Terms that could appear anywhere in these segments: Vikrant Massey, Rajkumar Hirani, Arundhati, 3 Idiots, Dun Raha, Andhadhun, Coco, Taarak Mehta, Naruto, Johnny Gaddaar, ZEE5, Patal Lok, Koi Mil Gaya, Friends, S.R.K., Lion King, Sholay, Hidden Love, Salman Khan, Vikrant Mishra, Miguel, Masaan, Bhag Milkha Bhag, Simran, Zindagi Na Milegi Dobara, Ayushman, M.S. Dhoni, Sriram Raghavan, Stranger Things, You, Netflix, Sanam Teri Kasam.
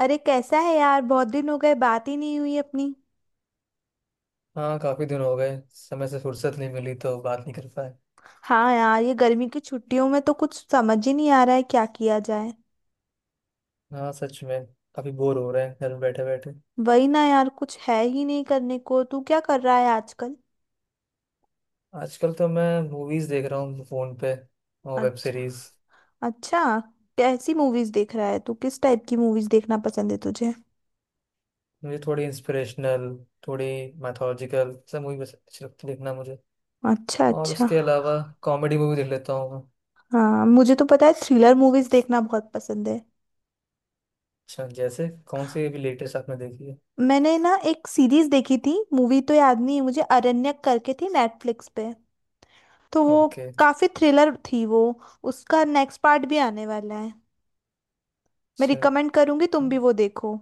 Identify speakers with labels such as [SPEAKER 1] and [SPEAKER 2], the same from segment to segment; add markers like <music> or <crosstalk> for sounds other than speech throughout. [SPEAKER 1] अरे कैसा है यार। बहुत दिन हो गए, बात ही नहीं हुई अपनी।
[SPEAKER 2] हाँ काफी दिन हो गए। समय से फुर्सत नहीं मिली तो बात नहीं कर पाए।
[SPEAKER 1] हाँ यार, ये गर्मी की छुट्टियों में तो कुछ समझ ही नहीं आ रहा है क्या किया जाए।
[SPEAKER 2] हाँ सच में। काफी बोर हो रहे हैं घर में बैठे बैठे।
[SPEAKER 1] वही ना यार, कुछ है ही नहीं करने को। तू क्या कर रहा है आजकल?
[SPEAKER 2] आजकल तो मैं मूवीज देख रहा हूँ फोन पे और वेब
[SPEAKER 1] अच्छा।
[SPEAKER 2] सीरीज।
[SPEAKER 1] अच्छा। कैसी मूवीज देख रहा है तू? किस टाइप की मूवीज देखना पसंद है तुझे?
[SPEAKER 2] मुझे थोड़ी इंस्पिरेशनल, थोड़ी मैथोलॉजिकल सब मूवी बस अच्छी लगती है देखना मुझे।
[SPEAKER 1] अच्छा।
[SPEAKER 2] और
[SPEAKER 1] अच्छा।
[SPEAKER 2] उसके अलावा कॉमेडी मूवी देख लेता हूँ मैं।
[SPEAKER 1] हाँ, मुझे तो पता है, थ्रिलर मूवीज देखना बहुत पसंद है।
[SPEAKER 2] अच्छा, जैसे कौन सी अभी लेटेस्ट आपने देखी है।
[SPEAKER 1] मैंने ना एक सीरीज देखी थी, मूवी तो याद नहीं है मुझे, अरण्यक करके थी, नेटफ्लिक्स पे। तो वो
[SPEAKER 2] ओके।
[SPEAKER 1] काफी थ्रिलर थी वो। उसका नेक्स्ट पार्ट भी आने वाला है। मैं
[SPEAKER 2] अच्छा।
[SPEAKER 1] रिकमेंड करूंगी, तुम भी वो देखो।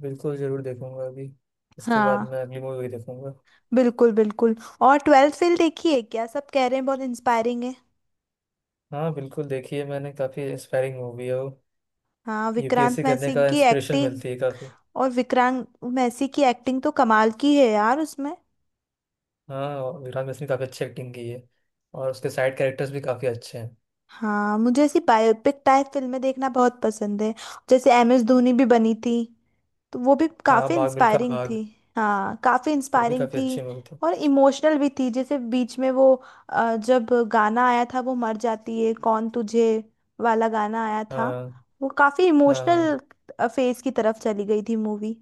[SPEAKER 2] बिल्कुल जरूर देखूंगा अभी। इसके बाद
[SPEAKER 1] हाँ
[SPEAKER 2] मैं अगली मूवी भी देखूंगा।
[SPEAKER 1] बिल्कुल बिल्कुल। और ट्वेल्थ फेल देखी है क्या? सब कह रहे हैं बहुत इंस्पायरिंग है।
[SPEAKER 2] हाँ बिल्कुल देखी है मैंने, काफी इंस्पायरिंग मूवी है वो।
[SPEAKER 1] हाँ,
[SPEAKER 2] यूपीएससी
[SPEAKER 1] विक्रांत
[SPEAKER 2] करने
[SPEAKER 1] मैसी
[SPEAKER 2] का
[SPEAKER 1] की
[SPEAKER 2] इंस्पिरेशन
[SPEAKER 1] एक्टिंग।
[SPEAKER 2] मिलती है काफ़ी।
[SPEAKER 1] और विक्रांत मैसी की एक्टिंग तो कमाल की है यार उसमें।
[SPEAKER 2] हाँ और विक्रांत मिश्रा ने काफ़ी अच्छी एक्टिंग की है। और उसके साइड कैरेक्टर्स भी काफ़ी अच्छे हैं।
[SPEAKER 1] हाँ, मुझे ऐसी बायोपिक टाइप फिल्में देखना बहुत पसंद है। जैसे एम एस धोनी भी बनी थी, तो वो भी
[SPEAKER 2] हाँ,
[SPEAKER 1] काफी
[SPEAKER 2] भाग मिल्खा
[SPEAKER 1] इंस्पायरिंग
[SPEAKER 2] भाग
[SPEAKER 1] थी। हाँ काफी
[SPEAKER 2] वो भी
[SPEAKER 1] इंस्पायरिंग
[SPEAKER 2] काफ़ी
[SPEAKER 1] थी।
[SPEAKER 2] अच्छी मूवी थी।
[SPEAKER 1] और इमोशनल भी थी, जैसे बीच में वो जब गाना आया था, वो "मर जाती है कौन तुझे" वाला गाना आया था।
[SPEAKER 2] हाँ।
[SPEAKER 1] वो काफी
[SPEAKER 2] हाँ।
[SPEAKER 1] इमोशनल फेज की तरफ चली गई थी मूवी।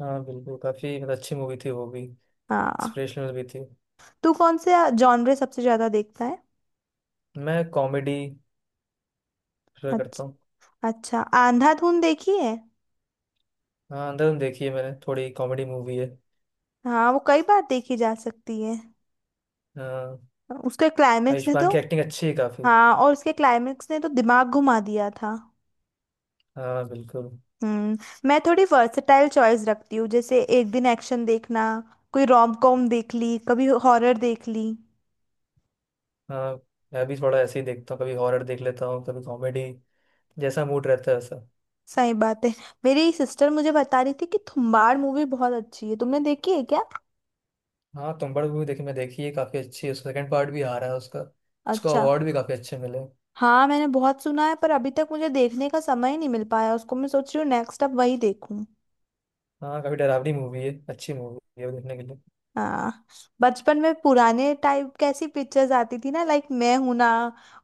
[SPEAKER 2] हाँ बिल्कुल, काफ़ी मतलब अच्छी मूवी थी वो भी।
[SPEAKER 1] हाँ।
[SPEAKER 2] इंस्पिरेशनल भी थी।
[SPEAKER 1] तू कौन से जॉनरे सबसे ज्यादा देखता है?
[SPEAKER 2] मैं कॉमेडी प्रेफर करता हूँ।
[SPEAKER 1] अच्छा। अच्छा। अंधाधुन देखी है?
[SPEAKER 2] हाँ अंदर देखी है मैंने, थोड़ी कॉमेडी मूवी है।
[SPEAKER 1] हाँ वो कई बार देखी जा सकती है।
[SPEAKER 2] हाँ।
[SPEAKER 1] उसके क्लाइमेक्स ने
[SPEAKER 2] आयुष्मान
[SPEAKER 1] तो
[SPEAKER 2] की एक्टिंग अच्छी है काफ़ी।
[SPEAKER 1] हाँ, और उसके क्लाइमेक्स ने तो दिमाग घुमा दिया था।
[SPEAKER 2] हाँ बिल्कुल।
[SPEAKER 1] हम्म मैं थोड़ी वर्सेटाइल चॉइस रखती हूँ, जैसे एक दिन एक्शन देखना, कोई रोम कॉम देख ली, कभी हॉरर देख ली।
[SPEAKER 2] हाँ मैं भी थोड़ा ऐसे ही देखता हूँ, कभी हॉरर देख लेता हूँ कभी कॉमेडी, जैसा मूड रहता है।
[SPEAKER 1] सही बात है। मेरी सिस्टर मुझे बता रही थी कि थुम्बाड़ मूवी बहुत अच्छी है, तुमने देखी है क्या?
[SPEAKER 2] हाँ तुम बड़ मूवी देखी, मैं देखी है, काफी अच्छी है। उसका सेकंड पार्ट भी आ रहा है। उसका, उसको
[SPEAKER 1] अच्छा।
[SPEAKER 2] अवार्ड भी काफी अच्छे मिले।
[SPEAKER 1] हाँ मैंने बहुत सुना है, पर अभी तक मुझे देखने का समय ही नहीं मिल पाया उसको। मैं सोच रही हूँ नेक्स्ट अब वही देखूं।
[SPEAKER 2] हाँ काफी डरावनी मूवी है, अच्छी मूवी है वो देखने के लिए।
[SPEAKER 1] हाँ। बचपन में पुराने टाइप कैसी पिक्चर्स आती थी ना, लाइक मैं हूं ना,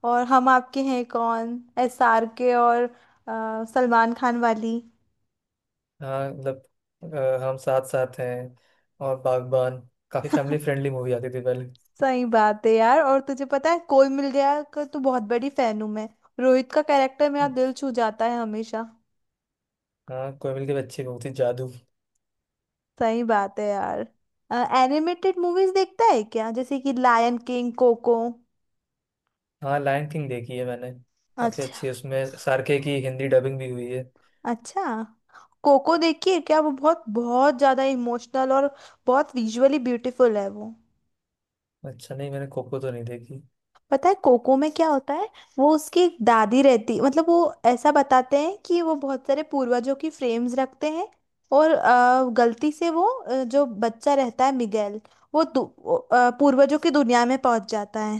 [SPEAKER 1] और Hum Aapke Hain Kaun, S R K और सलमान खान वाली।
[SPEAKER 2] हाँ मतलब, हम साथ साथ हैं और बागबान, काफी फैमिली फ्रेंडली मूवी आती थी पहले।
[SPEAKER 1] सही बात है यार। और तुझे पता है, कोई मिल गया का तो बहुत बड़ी फैन हूं मैं। रोहित का कैरेक्टर मेरा दिल छू जाता है हमेशा।
[SPEAKER 2] हाँ, कोई की भी अच्छी मूवी थी जादू।
[SPEAKER 1] सही बात है यार। एनिमेटेड मूवीज देखता है क्या, जैसे कि लायन किंग, कोको?
[SPEAKER 2] हाँ लायन किंग देखी है मैंने, काफी
[SPEAKER 1] अच्छा।
[SPEAKER 2] अच्छी है। उसमें सार्के की हिंदी डबिंग भी हुई है।
[SPEAKER 1] अच्छा। कोको देखिए क्या? वो बहुत बहुत ज्यादा इमोशनल और बहुत विजुअली ब्यूटीफुल है वो।
[SPEAKER 2] अच्छा नहीं, मैंने कोको तो नहीं देखी।
[SPEAKER 1] पता है कोको में क्या होता है? वो उसकी एक दादी रहती, मतलब वो ऐसा बताते हैं कि वो बहुत सारे पूर्वजों की फ्रेम्स रखते हैं। और गलती से वो, जो बच्चा रहता है, मिगेल, वो पूर्वजों की दुनिया में पहुंच जाता है।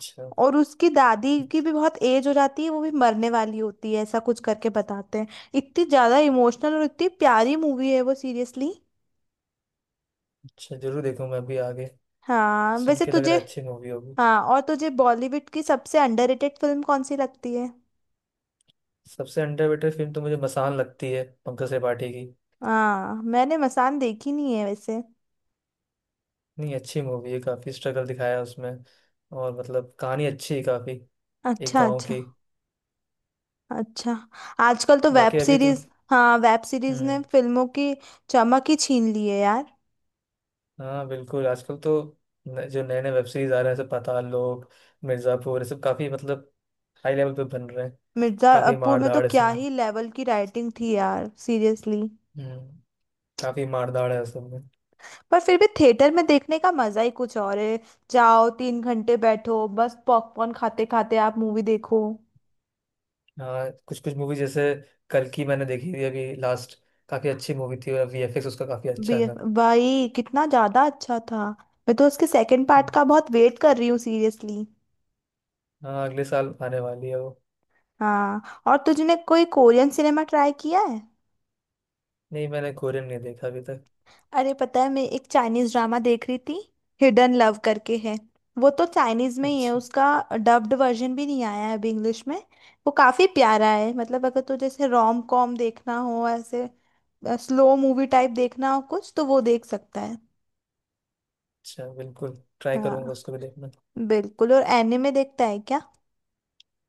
[SPEAKER 2] अच्छा।
[SPEAKER 1] और उसकी दादी की भी बहुत एज हो जाती है, वो भी मरने वाली होती है, ऐसा कुछ करके बताते हैं। इतनी ज्यादा इमोशनल और इतनी प्यारी मूवी है वो, सीरियसली।
[SPEAKER 2] अच्छा जरूर देखूंगा अभी आगे।
[SPEAKER 1] हाँ।
[SPEAKER 2] सुन
[SPEAKER 1] वैसे
[SPEAKER 2] के लग
[SPEAKER 1] तुझे
[SPEAKER 2] रहा है अच्छी मूवी होगी।
[SPEAKER 1] हाँ, और तुझे बॉलीवुड की सबसे अंडररेटेड फिल्म कौन सी लगती है?
[SPEAKER 2] सबसे अंडररेटेड फिल्म तो मुझे मसान लगती है, पंकज त्रिपाठी की।
[SPEAKER 1] हाँ मैंने मसान देखी नहीं है वैसे।
[SPEAKER 2] नहीं अच्छी मूवी है काफ़ी। स्ट्रगल दिखाया है उसमें। और मतलब कहानी अच्छी है काफ़ी। एक
[SPEAKER 1] अच्छा
[SPEAKER 2] गांव
[SPEAKER 1] अच्छा।
[SPEAKER 2] की।
[SPEAKER 1] अच्छा। आजकल तो वेब
[SPEAKER 2] बाकी अभी तो।
[SPEAKER 1] सीरीज हाँ, वेब सीरीज ने
[SPEAKER 2] हम्म
[SPEAKER 1] फिल्मों की चमक ही छीन ली है यार।
[SPEAKER 2] हाँ बिल्कुल, आजकल तो जो नए नए वेब सीरीज आ रहे हैं जैसे पाताल लोक, मिर्ज़ापुर, ये सब काफ़ी मतलब हाई लेवल पे बन रहे हैं। काफ़ी
[SPEAKER 1] मिर्जापुर
[SPEAKER 2] मार
[SPEAKER 1] में तो
[SPEAKER 2] धाड़
[SPEAKER 1] क्या
[SPEAKER 2] इसमें।
[SPEAKER 1] ही लेवल की राइटिंग थी यार सीरियसली।
[SPEAKER 2] हम्म काफ़ी मार धाड़ है सब में।
[SPEAKER 1] पर फिर भी थिएटर में देखने का मजा ही कुछ और है। जाओ, तीन घंटे बैठो, बस पॉपकॉर्न खाते खाते आप मूवी देखो।
[SPEAKER 2] हाँ कुछ कुछ मूवी जैसे कल की मैंने देखी थी अभी लास्ट, काफ़ी अच्छी मूवी थी और वीएफएक्स उसका काफ़ी अच्छा
[SPEAKER 1] बे-
[SPEAKER 2] था।
[SPEAKER 1] भाई, कितना ज्यादा अच्छा था। मैं तो उसके सेकंड पार्ट
[SPEAKER 2] हम्म।
[SPEAKER 1] का बहुत वेट कर रही हूँ सीरियसली।
[SPEAKER 2] हाँ अगले साल आने वाली है वो।
[SPEAKER 1] हाँ और तुझने कोई कोरियन सिनेमा ट्राई किया है?
[SPEAKER 2] नहीं मैंने कोरियन नहीं देखा अभी तक।
[SPEAKER 1] अरे पता है, मैं एक चाइनीज ड्रामा देख रही थी, हिडन लव करके है। वो तो चाइनीज में ही है
[SPEAKER 2] अच्छा।
[SPEAKER 1] उसका, डब्ड वर्जन भी नहीं आया है अभी इंग्लिश में। वो काफी प्यारा है, मतलब अगर तुझे जैसे रोम कॉम देखना हो, ऐसे स्लो मूवी टाइप देखना हो कुछ, तो वो देख सकता है।
[SPEAKER 2] अच्छा बिल्कुल ट्राई करूंगा
[SPEAKER 1] हाँ
[SPEAKER 2] उसको भी देखना।
[SPEAKER 1] बिल्कुल। और एनिमे देखता है क्या?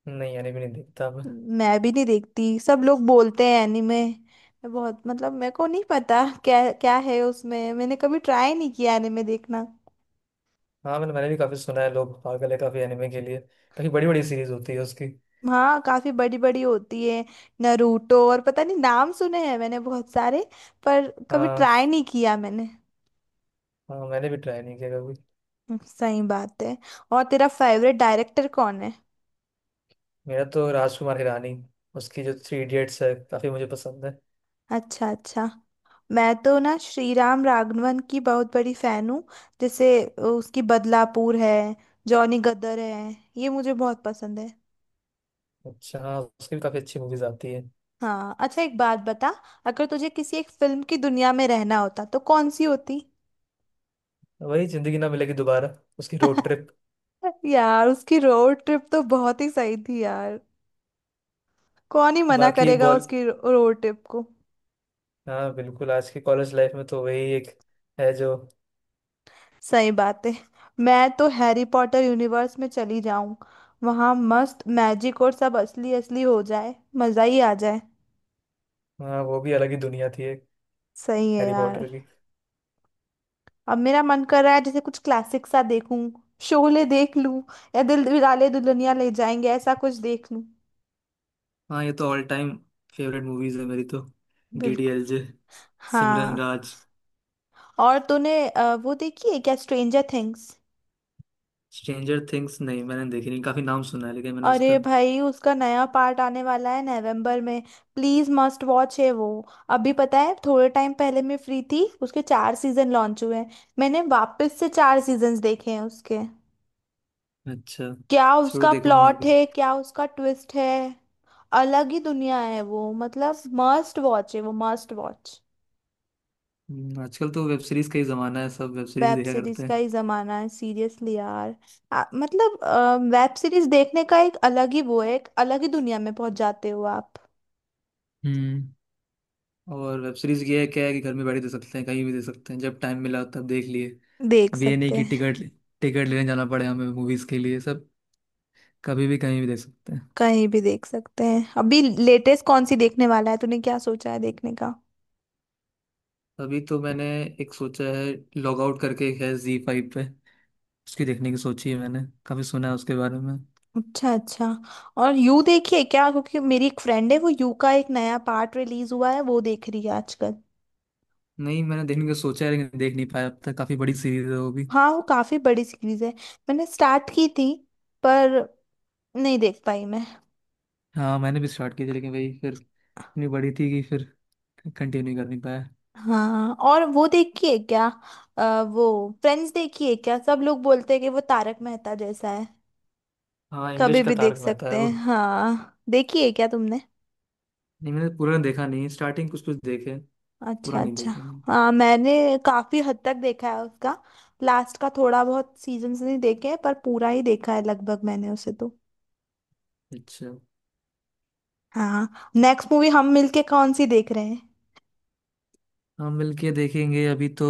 [SPEAKER 2] नहीं एनिमे नहीं देखता मैं।
[SPEAKER 1] मैं भी नहीं देखती, सब लोग बोलते हैं एनीमे, मैं बहुत मतलब मेरे को नहीं पता क्या क्या है उसमें, मैंने कभी ट्राई नहीं किया एनीमे देखना।
[SPEAKER 2] हाँ मैंने मैंने भी काफ़ी सुना है, लोग पागल है काफ़ी एनिमे के लिए। काफ़ी बड़ी बड़ी सीरीज होती है उसकी।
[SPEAKER 1] हाँ काफी बड़ी बड़ी होती है। नरूटो और पता नहीं नाम सुने हैं मैंने बहुत सारे। पर कभी
[SPEAKER 2] हाँ।
[SPEAKER 1] ट्राई नहीं किया मैंने।
[SPEAKER 2] हाँ मैंने भी ट्राई नहीं किया कभी।
[SPEAKER 1] सही बात है। और तेरा फेवरेट डायरेक्टर कौन है?
[SPEAKER 2] मेरा तो राजकुमार हिरानी, उसकी जो थ्री इडियट्स है काफ़ी मुझे पसंद है।
[SPEAKER 1] अच्छा। अच्छा। मैं तो ना श्री राम राघवन की बहुत बड़ी फैन हूँ। जैसे उसकी बदलापुर है, जॉनी गदर है, ये मुझे बहुत पसंद है।
[SPEAKER 2] अच्छा हाँ उसकी भी काफ़ी अच्छी मूवीज आती है।
[SPEAKER 1] हाँ अच्छा, एक बात बता, अगर तुझे किसी एक फिल्म की दुनिया में रहना होता तो कौन सी होती?
[SPEAKER 2] वही जिंदगी ना मिलेगी दोबारा, उसकी रोड
[SPEAKER 1] <laughs>
[SPEAKER 2] ट्रिप।
[SPEAKER 1] यार उसकी रोड ट्रिप तो बहुत ही सही थी यार। कौन ही मना
[SPEAKER 2] बाकी
[SPEAKER 1] करेगा
[SPEAKER 2] बॉल।
[SPEAKER 1] उसकी रोड ट्रिप को।
[SPEAKER 2] हाँ बिल्कुल, आज की कॉलेज लाइफ में तो वही एक है जो।
[SPEAKER 1] सही बात है। मैं तो हैरी पॉटर यूनिवर्स में चली जाऊं। वहां मस्त मैजिक और सब असली असली हो जाए, मजा ही आ जाए।
[SPEAKER 2] हाँ वो भी अलग ही दुनिया थी एक,
[SPEAKER 1] सही है
[SPEAKER 2] हैरी
[SPEAKER 1] यार।
[SPEAKER 2] पॉटर की।
[SPEAKER 1] अब मेरा मन कर रहा है जैसे कुछ क्लासिक सा देखूं, शोले देख लूं, या दिल दिलवाले दुल्हनिया ले जाएंगे, ऐसा कुछ देख लूं।
[SPEAKER 2] हाँ ये तो ऑल टाइम फेवरेट मूवीज है मेरी तो। डी डी
[SPEAKER 1] बिल्कुल।
[SPEAKER 2] एल जे, सिमरन
[SPEAKER 1] हाँ
[SPEAKER 2] राज।
[SPEAKER 1] और तूने वो देखी है क्या, स्ट्रेंजर थिंग्स?
[SPEAKER 2] स्ट्रेंजर थिंग्स नहीं मैंने देखी, नहीं काफी नाम सुना है लेकिन मैंने उसका।
[SPEAKER 1] अरे भाई, उसका नया पार्ट आने वाला है नवंबर में, प्लीज मस्ट वॉच है वो। अभी पता है, थोड़े टाइम पहले मैं फ्री थी, उसके चार सीजन लॉन्च हुए हैं, मैंने वापस से चार सीजन्स देखे हैं उसके।
[SPEAKER 2] अच्छा
[SPEAKER 1] क्या
[SPEAKER 2] जरूर
[SPEAKER 1] उसका
[SPEAKER 2] देखूंगा मैं
[SPEAKER 1] प्लॉट
[SPEAKER 2] अभी।
[SPEAKER 1] है, क्या उसका ट्विस्ट है। अलग ही दुनिया है वो, मतलब मस्ट वॉच है वो, मस्ट वॉच।
[SPEAKER 2] आजकल तो वेब सीरीज का ही जमाना है, सब वेब सीरीज
[SPEAKER 1] वेब
[SPEAKER 2] देखा
[SPEAKER 1] सीरीज
[SPEAKER 2] करते
[SPEAKER 1] का
[SPEAKER 2] हैं।
[SPEAKER 1] ही जमाना है सीरियसली यार। मतलब वेब सीरीज देखने का एक अलग ही वो है, एक अलग ही दुनिया में पहुंच जाते हो आप।
[SPEAKER 2] हम्म और वेब सीरीज ये है क्या है कि घर में बैठे देख सकते हैं, कहीं भी देख सकते हैं, जब टाइम मिला तब देख लिए।
[SPEAKER 1] देख
[SPEAKER 2] अब ये नहीं
[SPEAKER 1] सकते
[SPEAKER 2] कि
[SPEAKER 1] हैं,
[SPEAKER 2] टिकट टिकट लेने जाना पड़े हमें मूवीज के लिए। सब कभी भी कहीं भी देख सकते हैं।
[SPEAKER 1] कहीं भी देख सकते हैं। अभी लेटेस्ट कौन सी देखने वाला है तूने, क्या सोचा है देखने का?
[SPEAKER 2] अभी तो मैंने एक सोचा है, लॉग आउट करके एक है जी फाइव पे, उसकी देखने की सोची है मैंने। काफी सुना है उसके बारे में।
[SPEAKER 1] अच्छा अच्छा। और यू देखिए क्या? क्योंकि मेरी एक फ्रेंड है, वो यू का एक नया पार्ट रिलीज हुआ है, वो देख रही है आजकल।
[SPEAKER 2] नहीं मैंने देखने का सोचा है लेकिन देख नहीं पाया अब तक, काफी बड़ी सीरीज है वो भी।
[SPEAKER 1] हाँ वो काफी बड़ी सीरीज है। मैंने स्टार्ट की थी पर नहीं देख पाई मैं।
[SPEAKER 2] हाँ मैंने भी स्टार्ट की थी लेकिन वही फिर इतनी बड़ी थी कि फिर कंटिन्यू कर नहीं पाया।
[SPEAKER 1] हाँ और वो देखी है क्या, वो फ्रेंड्स देखी है क्या? सब लोग बोलते हैं कि वो तारक मेहता जैसा है।
[SPEAKER 2] हाँ इंग्लिश
[SPEAKER 1] कभी
[SPEAKER 2] का
[SPEAKER 1] भी देख
[SPEAKER 2] तारक मेहता
[SPEAKER 1] सकते
[SPEAKER 2] है वो।
[SPEAKER 1] हैं। हाँ, देखी है क्या तुमने?
[SPEAKER 2] नहीं मैंने पूरा देखा नहीं, स्टार्टिंग कुछ कुछ देखे, पूरा
[SPEAKER 1] अच्छा
[SPEAKER 2] नहीं
[SPEAKER 1] अच्छा।
[SPEAKER 2] देखा मैंने।
[SPEAKER 1] हाँ मैंने काफी हद तक देखा है उसका। लास्ट का थोड़ा बहुत सीजन्स नहीं देखे हैं, पर पूरा ही देखा है लगभग मैंने उसे तो।
[SPEAKER 2] अच्छा।
[SPEAKER 1] हाँ, नेक्स्ट मूवी हम मिलके कौन सी देख रहे हैं?
[SPEAKER 2] हाँ मिलके देखेंगे अभी तो।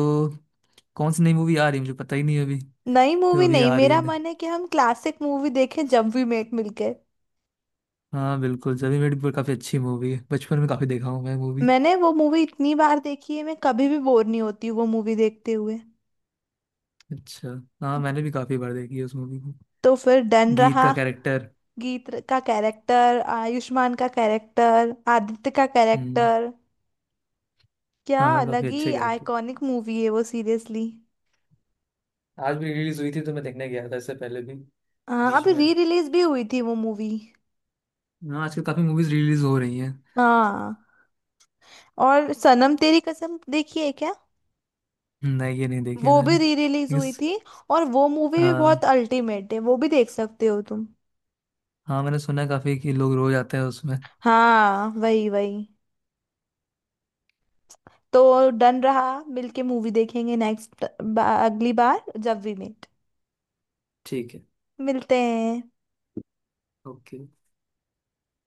[SPEAKER 2] कौन सी नई मूवी आ रही है मुझे पता ही नहीं अभी,
[SPEAKER 1] नई
[SPEAKER 2] जो
[SPEAKER 1] मूवी
[SPEAKER 2] अभी
[SPEAKER 1] नहीं,
[SPEAKER 2] आ रही है।
[SPEAKER 1] मेरा मन है कि हम क्लासिक मूवी देखें जब भी मेट मिलके।
[SPEAKER 2] हाँ बिल्कुल, जब मेरी पर काफी अच्छी मूवी है, बचपन में काफी देखा हूँ मैं मूवी।
[SPEAKER 1] मैंने वो मूवी इतनी बार देखी है, मैं कभी भी बोर नहीं होती वो मूवी देखते हुए।
[SPEAKER 2] अच्छा। हाँ मैंने भी काफी बार देखी है उस मूवी को।
[SPEAKER 1] तो फिर डन
[SPEAKER 2] गीत
[SPEAKER 1] रहा।
[SPEAKER 2] का कैरेक्टर।
[SPEAKER 1] गीत का कैरेक्टर, आयुष्मान का कैरेक्टर, आदित्य का
[SPEAKER 2] हम्म
[SPEAKER 1] कैरेक्टर। क्या
[SPEAKER 2] हाँ काफी
[SPEAKER 1] अलग ही
[SPEAKER 2] अच्छे कैरेक्टर।
[SPEAKER 1] आइकॉनिक मूवी है वो सीरियसली।
[SPEAKER 2] आज भी रिलीज हुई थी तो मैं देखने गया था इससे पहले भी,
[SPEAKER 1] हाँ
[SPEAKER 2] बीच
[SPEAKER 1] अभी
[SPEAKER 2] में।
[SPEAKER 1] री रिलीज भी हुई थी वो मूवी।
[SPEAKER 2] हाँ आजकल काफी मूवीज रिलीज हो रही हैं।
[SPEAKER 1] हाँ और सनम तेरी कसम देखी है क्या?
[SPEAKER 2] नहीं ये नहीं देखी
[SPEAKER 1] वो
[SPEAKER 2] मैंने
[SPEAKER 1] भी री रिलीज
[SPEAKER 2] लेकिन
[SPEAKER 1] हुई थी, और वो मूवी भी
[SPEAKER 2] हाँ।
[SPEAKER 1] बहुत अल्टीमेट है, वो भी देख सकते हो तुम।
[SPEAKER 2] हाँ मैंने सुना है काफी कि लोग रोज आते हैं उसमें।
[SPEAKER 1] हाँ वही वही। तो डन रहा, मिलके मूवी देखेंगे नेक्स्ट, अगली बार जब वी मेट
[SPEAKER 2] ठीक है।
[SPEAKER 1] मिलते हैं।
[SPEAKER 2] ओके।